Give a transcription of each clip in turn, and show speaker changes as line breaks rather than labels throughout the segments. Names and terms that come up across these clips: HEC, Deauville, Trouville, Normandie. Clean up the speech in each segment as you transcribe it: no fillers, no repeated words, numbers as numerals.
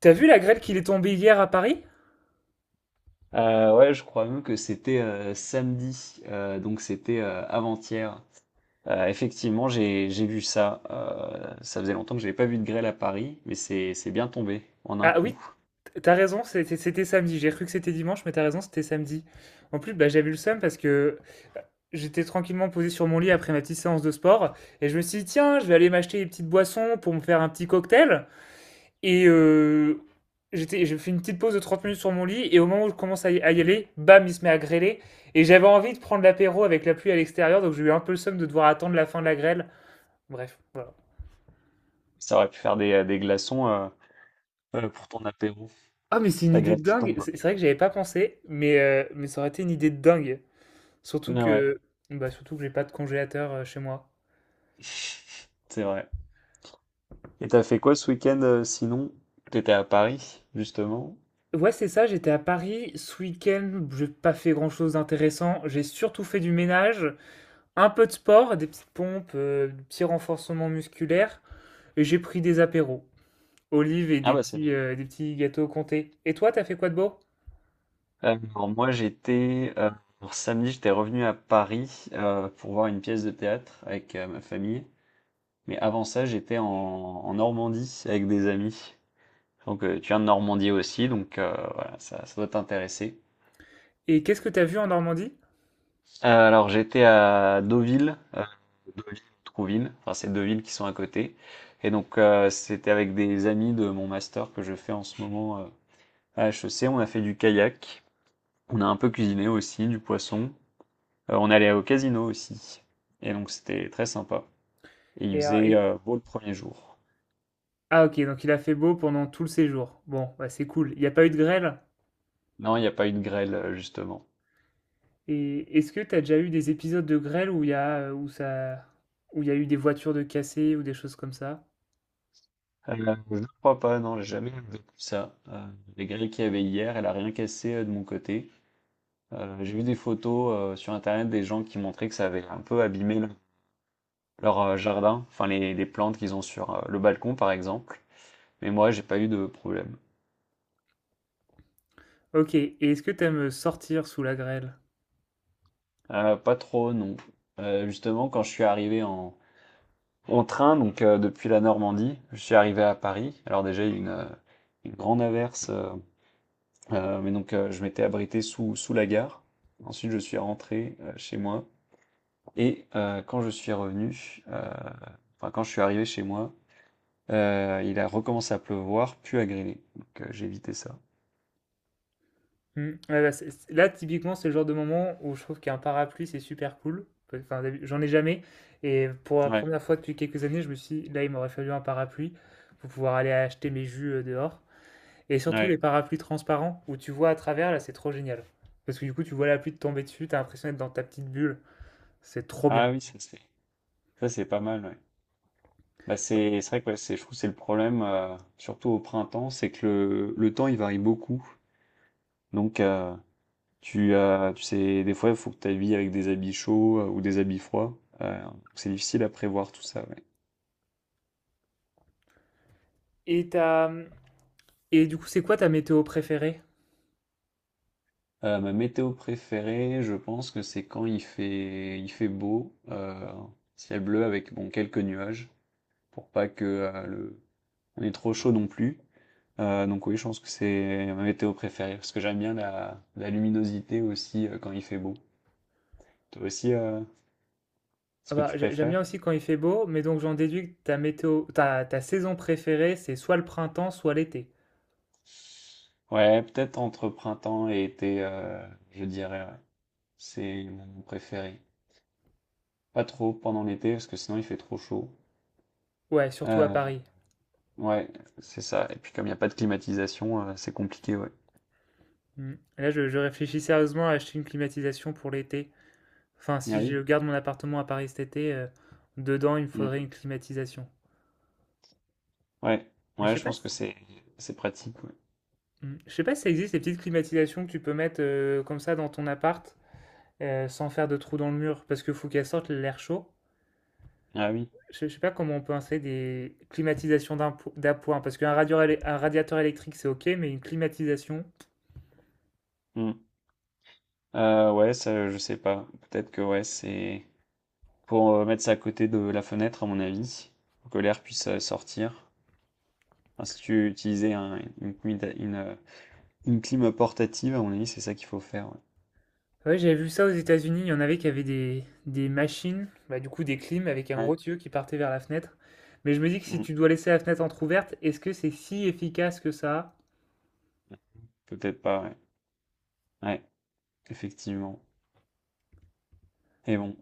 T'as vu la grêle qu'il est tombée hier à Paris?
Ouais, je crois même que c'était samedi, donc c'était avant-hier. Effectivement, j'ai vu ça. Ça faisait longtemps que j'avais pas vu de grêle à Paris, mais c'est bien tombé en un
Ah oui,
coup.
t'as raison, c'était samedi. J'ai cru que c'était dimanche, mais t'as raison, c'était samedi. En plus, bah, j'avais eu le seum parce que euh, j'étais tranquillement posé sur mon lit après ma petite séance de sport et je me suis dit, tiens, je vais aller m'acheter des petites boissons pour me faire un petit cocktail. Et euh, j'ai fait une petite pause de 30 minutes sur mon lit et au moment où je commence à y aller, bam, il se met à grêler. Et j'avais envie de prendre l'apéro avec la pluie à l'extérieur, donc j'ai eu un peu le seum de devoir attendre la fin de la grêle. Bref, voilà.
Ça aurait pu faire des glaçons, pour ton apéro.
Ah, mais c'est une
La
idée de
grêle qui
dingue!
tombe.
C'est vrai que j'avais pas pensé, mais ça aurait été une idée de dingue. Surtout
Ah ouais,
que bah, surtout que j'ai pas de congélateur, chez moi.
c'est vrai. Et t'as fait quoi ce week-end, sinon? T'étais à Paris, justement.
Ouais, c'est ça, j'étais à Paris ce week-end, j'ai pas fait grand-chose d'intéressant. J'ai surtout fait du ménage, un peu de sport, des petites pompes, des petits renforcements musculaires et j'ai pris des apéros, olives et
Ah bah c'est bien.
des petits gâteaux comté. Et toi, t'as fait quoi de beau?
Alors moi j'étais, samedi j'étais revenu à Paris pour voir une pièce de théâtre avec ma famille. Mais avant ça j'étais en Normandie avec des amis. Donc tu viens de Normandie aussi, donc voilà ça doit t'intéresser.
Et qu'est-ce que t'as vu en Normandie?
Alors j'étais à Deauville, Deauville, Trouville, enfin c'est deux villes qui sont à côté. Et donc, c'était avec des amis de mon master que je fais en ce moment, à HEC. On a fait du kayak, on a un peu cuisiné aussi du poisson. On allait au casino aussi. Et donc c'était très sympa. Et il
Et ah
faisait
et
beau le premier jour.
OK, donc il a fait beau pendant tout le séjour. Bon, bah, c'est cool. Il y a pas eu de grêle?
Non, il n'y a pas eu de grêle, justement.
Et est-ce que tu as déjà eu des épisodes de grêle où il y a, où il y a eu des voitures de cassées ou des choses comme ça?
Euh, je ne crois pas, non, j'ai jamais vu ça. Les grêles qu'il y avait hier, elle a rien cassé de mon côté. J'ai vu des photos sur Internet des gens qui montraient que ça avait un peu abîmé leur jardin, enfin les plantes qu'ils ont sur le balcon, par exemple. Mais moi, j'ai pas eu de problème.
Ok, et est-ce que tu aimes sortir sous la grêle?
Pas trop, non. Justement, quand je suis arrivé en train, donc, depuis la Normandie, je suis arrivé à Paris. Alors déjà, il y a eu une grande averse, mais donc je m'étais abrité sous la gare. Ensuite, je suis rentré chez moi. Et quand je suis revenu, enfin quand je suis arrivé chez moi, il a recommencé à pleuvoir, puis à grêler. Donc j'ai évité ça.
Hmm, ouais, bah, là, typiquement, c'est le genre de moment où je trouve qu'un parapluie, c'est super cool. Enfin, j'en ai jamais. Et pour la
Ouais,
première fois depuis quelques années, je me suis dit, là, il m'aurait fallu un parapluie pour pouvoir aller acheter mes jus dehors. Et surtout
ouais.
les parapluies transparents où tu vois à travers, là, c'est trop génial. Parce que du coup, tu vois la pluie te tomber dessus, t'as l'impression d'être dans ta petite bulle. C'est trop bien.
Ah oui, ça c'est pas mal, ouais. Bah c'est vrai que ouais, c'est je trouve que c'est le problème, surtout au printemps, c'est que le temps il varie beaucoup. Donc tu as, tu sais, des fois, il faut que tu habilles avec des habits chauds, ou des habits froids. C'est difficile à prévoir tout ça, ouais.
Et t'as, hum, Et du coup, c'est quoi ta météo préférée?
Ma météo préférée, je pense que c'est quand il fait beau, ciel bleu avec bon quelques nuages, pour pas que on ait trop chaud non plus. Donc oui, je pense que c'est ma météo préférée parce que j'aime bien la luminosité aussi, quand il fait beau. Toi aussi, ce
Ah
que
bah,
tu
j'aime
préfères?
bien aussi quand il fait beau, mais donc j'en déduis que ta ta saison préférée, c'est soit le printemps, soit l'été.
Ouais, peut-être entre printemps et été, je dirais. Ouais. C'est mon préféré. Pas trop pendant l'été parce que sinon il fait trop chaud.
Ouais, surtout à
Euh,
Paris.
ouais, c'est ça. Et puis comme il n'y a pas de climatisation, c'est compliqué, ouais.
Mm. Là, je réfléchis sérieusement à acheter une climatisation pour l'été. Enfin,
Ah
si je
oui.
garde mon appartement à Paris cet été, dedans, il me
Mm.
faudrait une climatisation.
Ouais,
Mais je
ouais,
sais
je
pas
pense que
si,
c'est pratique. Ouais.
Mm, je sais pas si ça existe, ces petites climatisations que tu peux mettre comme ça dans ton appart, sans faire de trou dans le mur, parce qu'il faut qu'elles sortent l'air chaud.
Ah oui.
Je sais pas comment on peut installer des climatisations d'appoint, parce un radiateur électrique c'est ok, mais une climatisation.
Mm. Ouais, ça, je sais pas. Peut-être que ouais, c'est pour, mettre ça à côté de la fenêtre à mon avis, pour que l'air puisse sortir. Enfin, si tu utilisais une clim portative, à mon avis, c'est ça qu'il faut faire. Ouais.
Ouais, j'avais vu ça aux États-Unis, il y en avait qui avaient des machines, bah, du coup des clims avec un
Ouais.
gros tuyau qui partait vers la fenêtre. Mais je me dis que si
Mm.
tu dois laisser la fenêtre entrouverte, est-ce que c'est si efficace que ça?
Peut-être pas. Ouais. Ouais. Effectivement. Et bon.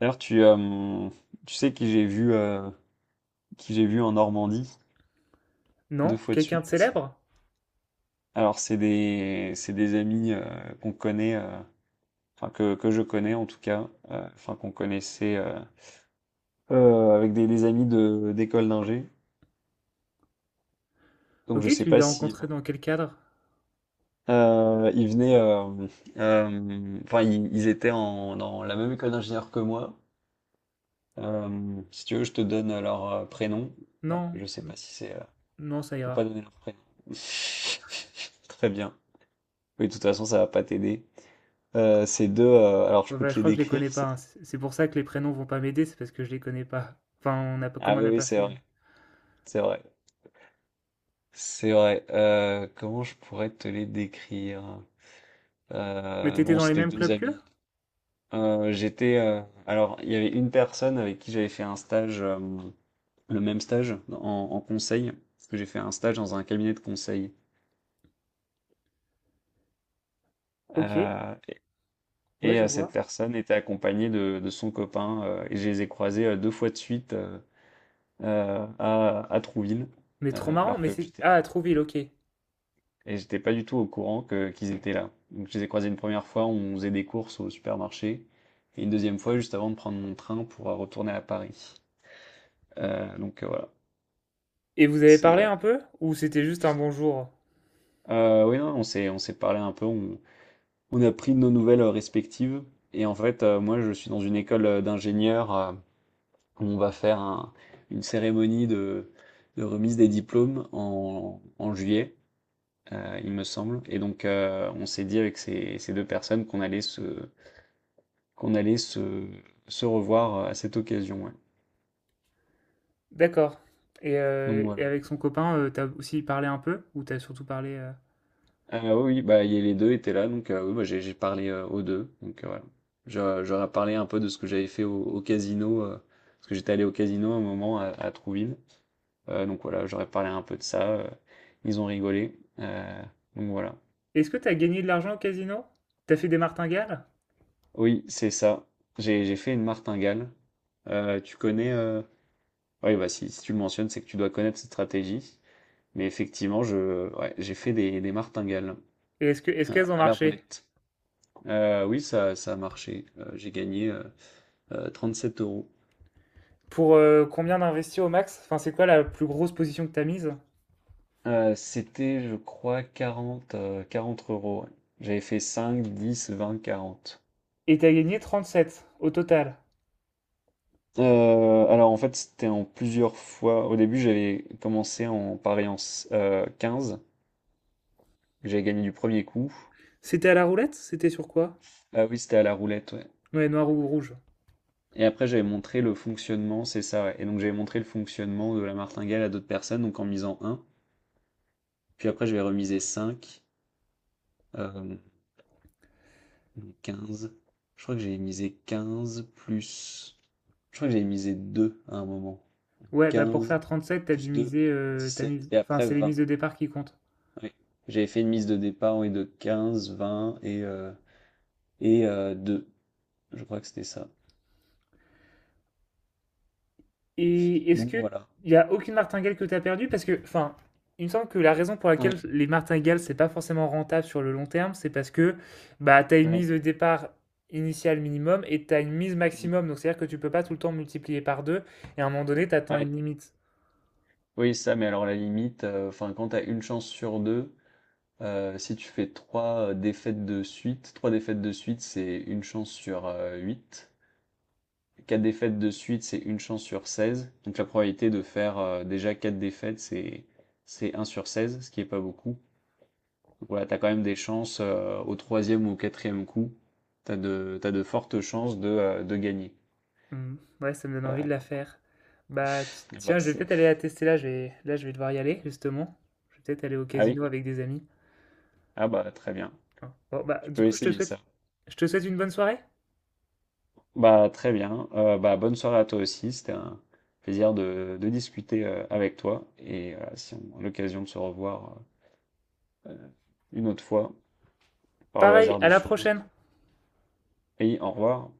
D'ailleurs, tu sais qui j'ai vu, en Normandie deux
Non?
fois de
Quelqu'un de
suite.
célèbre?
Alors, c'est des amis, qu'on connaît, enfin que je connais en tout cas, enfin qu'on connaissait, avec des amis de d'école d'ingé. Donc, je
Ok,
sais
tu
pas
l'as
si,
rencontré dans quel cadre?
ils venaient, enfin ils étaient dans la même école d'ingénieur que moi. Si tu veux, je te donne leur prénom.
Non,
Je sais pas si c'est,
non, ça
faut pas
ira.
donner leur prénom. Très bien. Oui, de toute façon, ça va pas t'aider. Ces deux, alors je
Ouais,
peux
bah,
te
je
les
crois que je les
décrire.
connais pas, hein. C'est pour ça que les prénoms vont pas m'aider, c'est parce que je les connais pas. Enfin, on n'a pas,
Ah
comme on
oui,
n'a
oui,
pas
c'est
fait.
vrai, c'est vrai, c'est vrai. Comment je pourrais te les décrire?
Mais t'étais
Bon,
dans les
c'était
mêmes
deux
clubs que
amis. Euh, j'étais, euh, alors il y avait une personne avec qui j'avais fait un stage, le même stage en conseil, parce que j'ai fait un stage dans un cabinet de conseil.
Ok,
Euh,
ouais,
et
je
euh, cette
vois.
personne était accompagnée de son copain, et je les ai croisés deux fois de suite, à Trouville,
Mais trop marrant,
alors
mais
que
c'est... Ah, à Trouville, ok.
j'étais pas du tout au courant que qu'ils étaient là. Donc je les ai croisés une première fois, on faisait des courses au supermarché, et une deuxième fois juste avant de prendre mon train pour retourner à Paris. Donc, voilà,
Et vous avez
c'est,
parlé un peu? Ou c'était juste un bonjour?
oui non, on s'est parlé un peu, on a pris nos nouvelles respectives, et en fait, moi je suis dans une école, d'ingénieurs, où on va faire une cérémonie de remise des diplômes en juillet. Il me semble, et donc on s'est dit avec ces 2 personnes qu'on allait se revoir, à cette occasion, ouais.
D'accord.
Donc voilà.
Et avec son copain, t'as aussi parlé un peu? Ou t'as surtout parlé...
Oui, oui, bah, il y les 2 étaient là, donc oui, bah, j'ai parlé, aux deux, donc voilà. Je parlé un peu de ce que j'avais fait au casino, parce que j'étais allé au casino un moment à Trouville, donc voilà, j'aurais parlé un peu de ça, ils ont rigolé, donc voilà.
Est-ce que t'as gagné de l'argent au casino? T'as fait des martingales?
Oui, c'est ça. J'ai fait une martingale. Tu connais? Oui, bah, si tu le mentionnes, c'est que tu dois connaître cette stratégie. Mais effectivement, je, ouais, j'ai fait des martingales
Et est-ce que, est-ce qu'elles ont
à la
marché?
roulette. Oui, ça a marché. J'ai gagné 37 euros.
Pour combien d'investir au max? Enfin, c'est quoi la plus grosse position que t'as mise?
C'était, je crois, 40, 40 euros. Ouais. J'avais fait 5, 10, 20, 40.
Et t'as gagné 37 au total.
Alors en fait, c'était en plusieurs fois. Au début, j'avais commencé en pariant 15, que j'avais gagné du premier coup.
C'était à la roulette? C'était sur quoi?
Ah oui, c'était à la roulette, ouais.
Ouais, noir ou rouge.
Et après, j'avais montré le fonctionnement, c'est ça, ouais. Et donc, j'avais montré le fonctionnement de la martingale à d'autres personnes, donc en misant un. Puis après, j'avais remisé cinq, euh, 15. Je crois que j'avais misé 15 plus. Je crois que j'avais misé 2 à un moment.
Ouais, bah pour
Quinze
faire 37,
plus deux, dix
t'as
sept
mis...
Et
Enfin,
après,
c'est les
20.
mises de départ qui comptent.
Ouais. J'avais fait une mise de départ, oui, de 15, 20 et 2. Je crois que c'était ça.
Et est-ce
Donc,
que
voilà.
Il y a aucune martingale que tu as perdue? Parce que, enfin, il me semble que la raison pour laquelle
Ouais,
les martingales, c'est pas forcément rentable sur le long terme, c'est parce que bah, tu as une
ouais,
mise de départ initiale minimum et tu as une mise
mm,
maximum. Donc, c'est-à-dire que tu peux pas tout le temps multiplier par deux. Et à un moment donné, tu atteins
ouais.
une limite.
Oui, ça, mais alors la limite, enfin, quand t'as une chance sur deux. Si tu fais 3 défaites de suite, 3 défaites de suite, c'est une chance sur, 8. 4 défaites de suite, c'est une chance sur 16. Donc la probabilité de faire, déjà 4 défaites, c'est un sur 16, ce qui est pas beaucoup. Donc voilà, t'as quand même des chances, au troisième ou au quatrième coup. T'as de fortes chances de gagner.
Hmm, ouais, ça me donne envie de la
Heu,
faire. Bah,
bah,
tiens, je vais
c'est
peut-être aller la tester là. Je vais devoir y aller, justement. Je vais peut-être aller au
ah oui?
casino avec des amis.
Ah bah, très bien.
Hein. Bon, bah,
Tu
du
peux
coup,
essayer ça.
je te souhaite une bonne soirée.
Bah, très bien. Bah, bonne soirée à toi aussi. C'était un plaisir de discuter avec toi. Et si on a l'occasion de se revoir euh, une autre fois, par le
Pareil,
hasard
à
des
la
choses.
prochaine.
Et au revoir.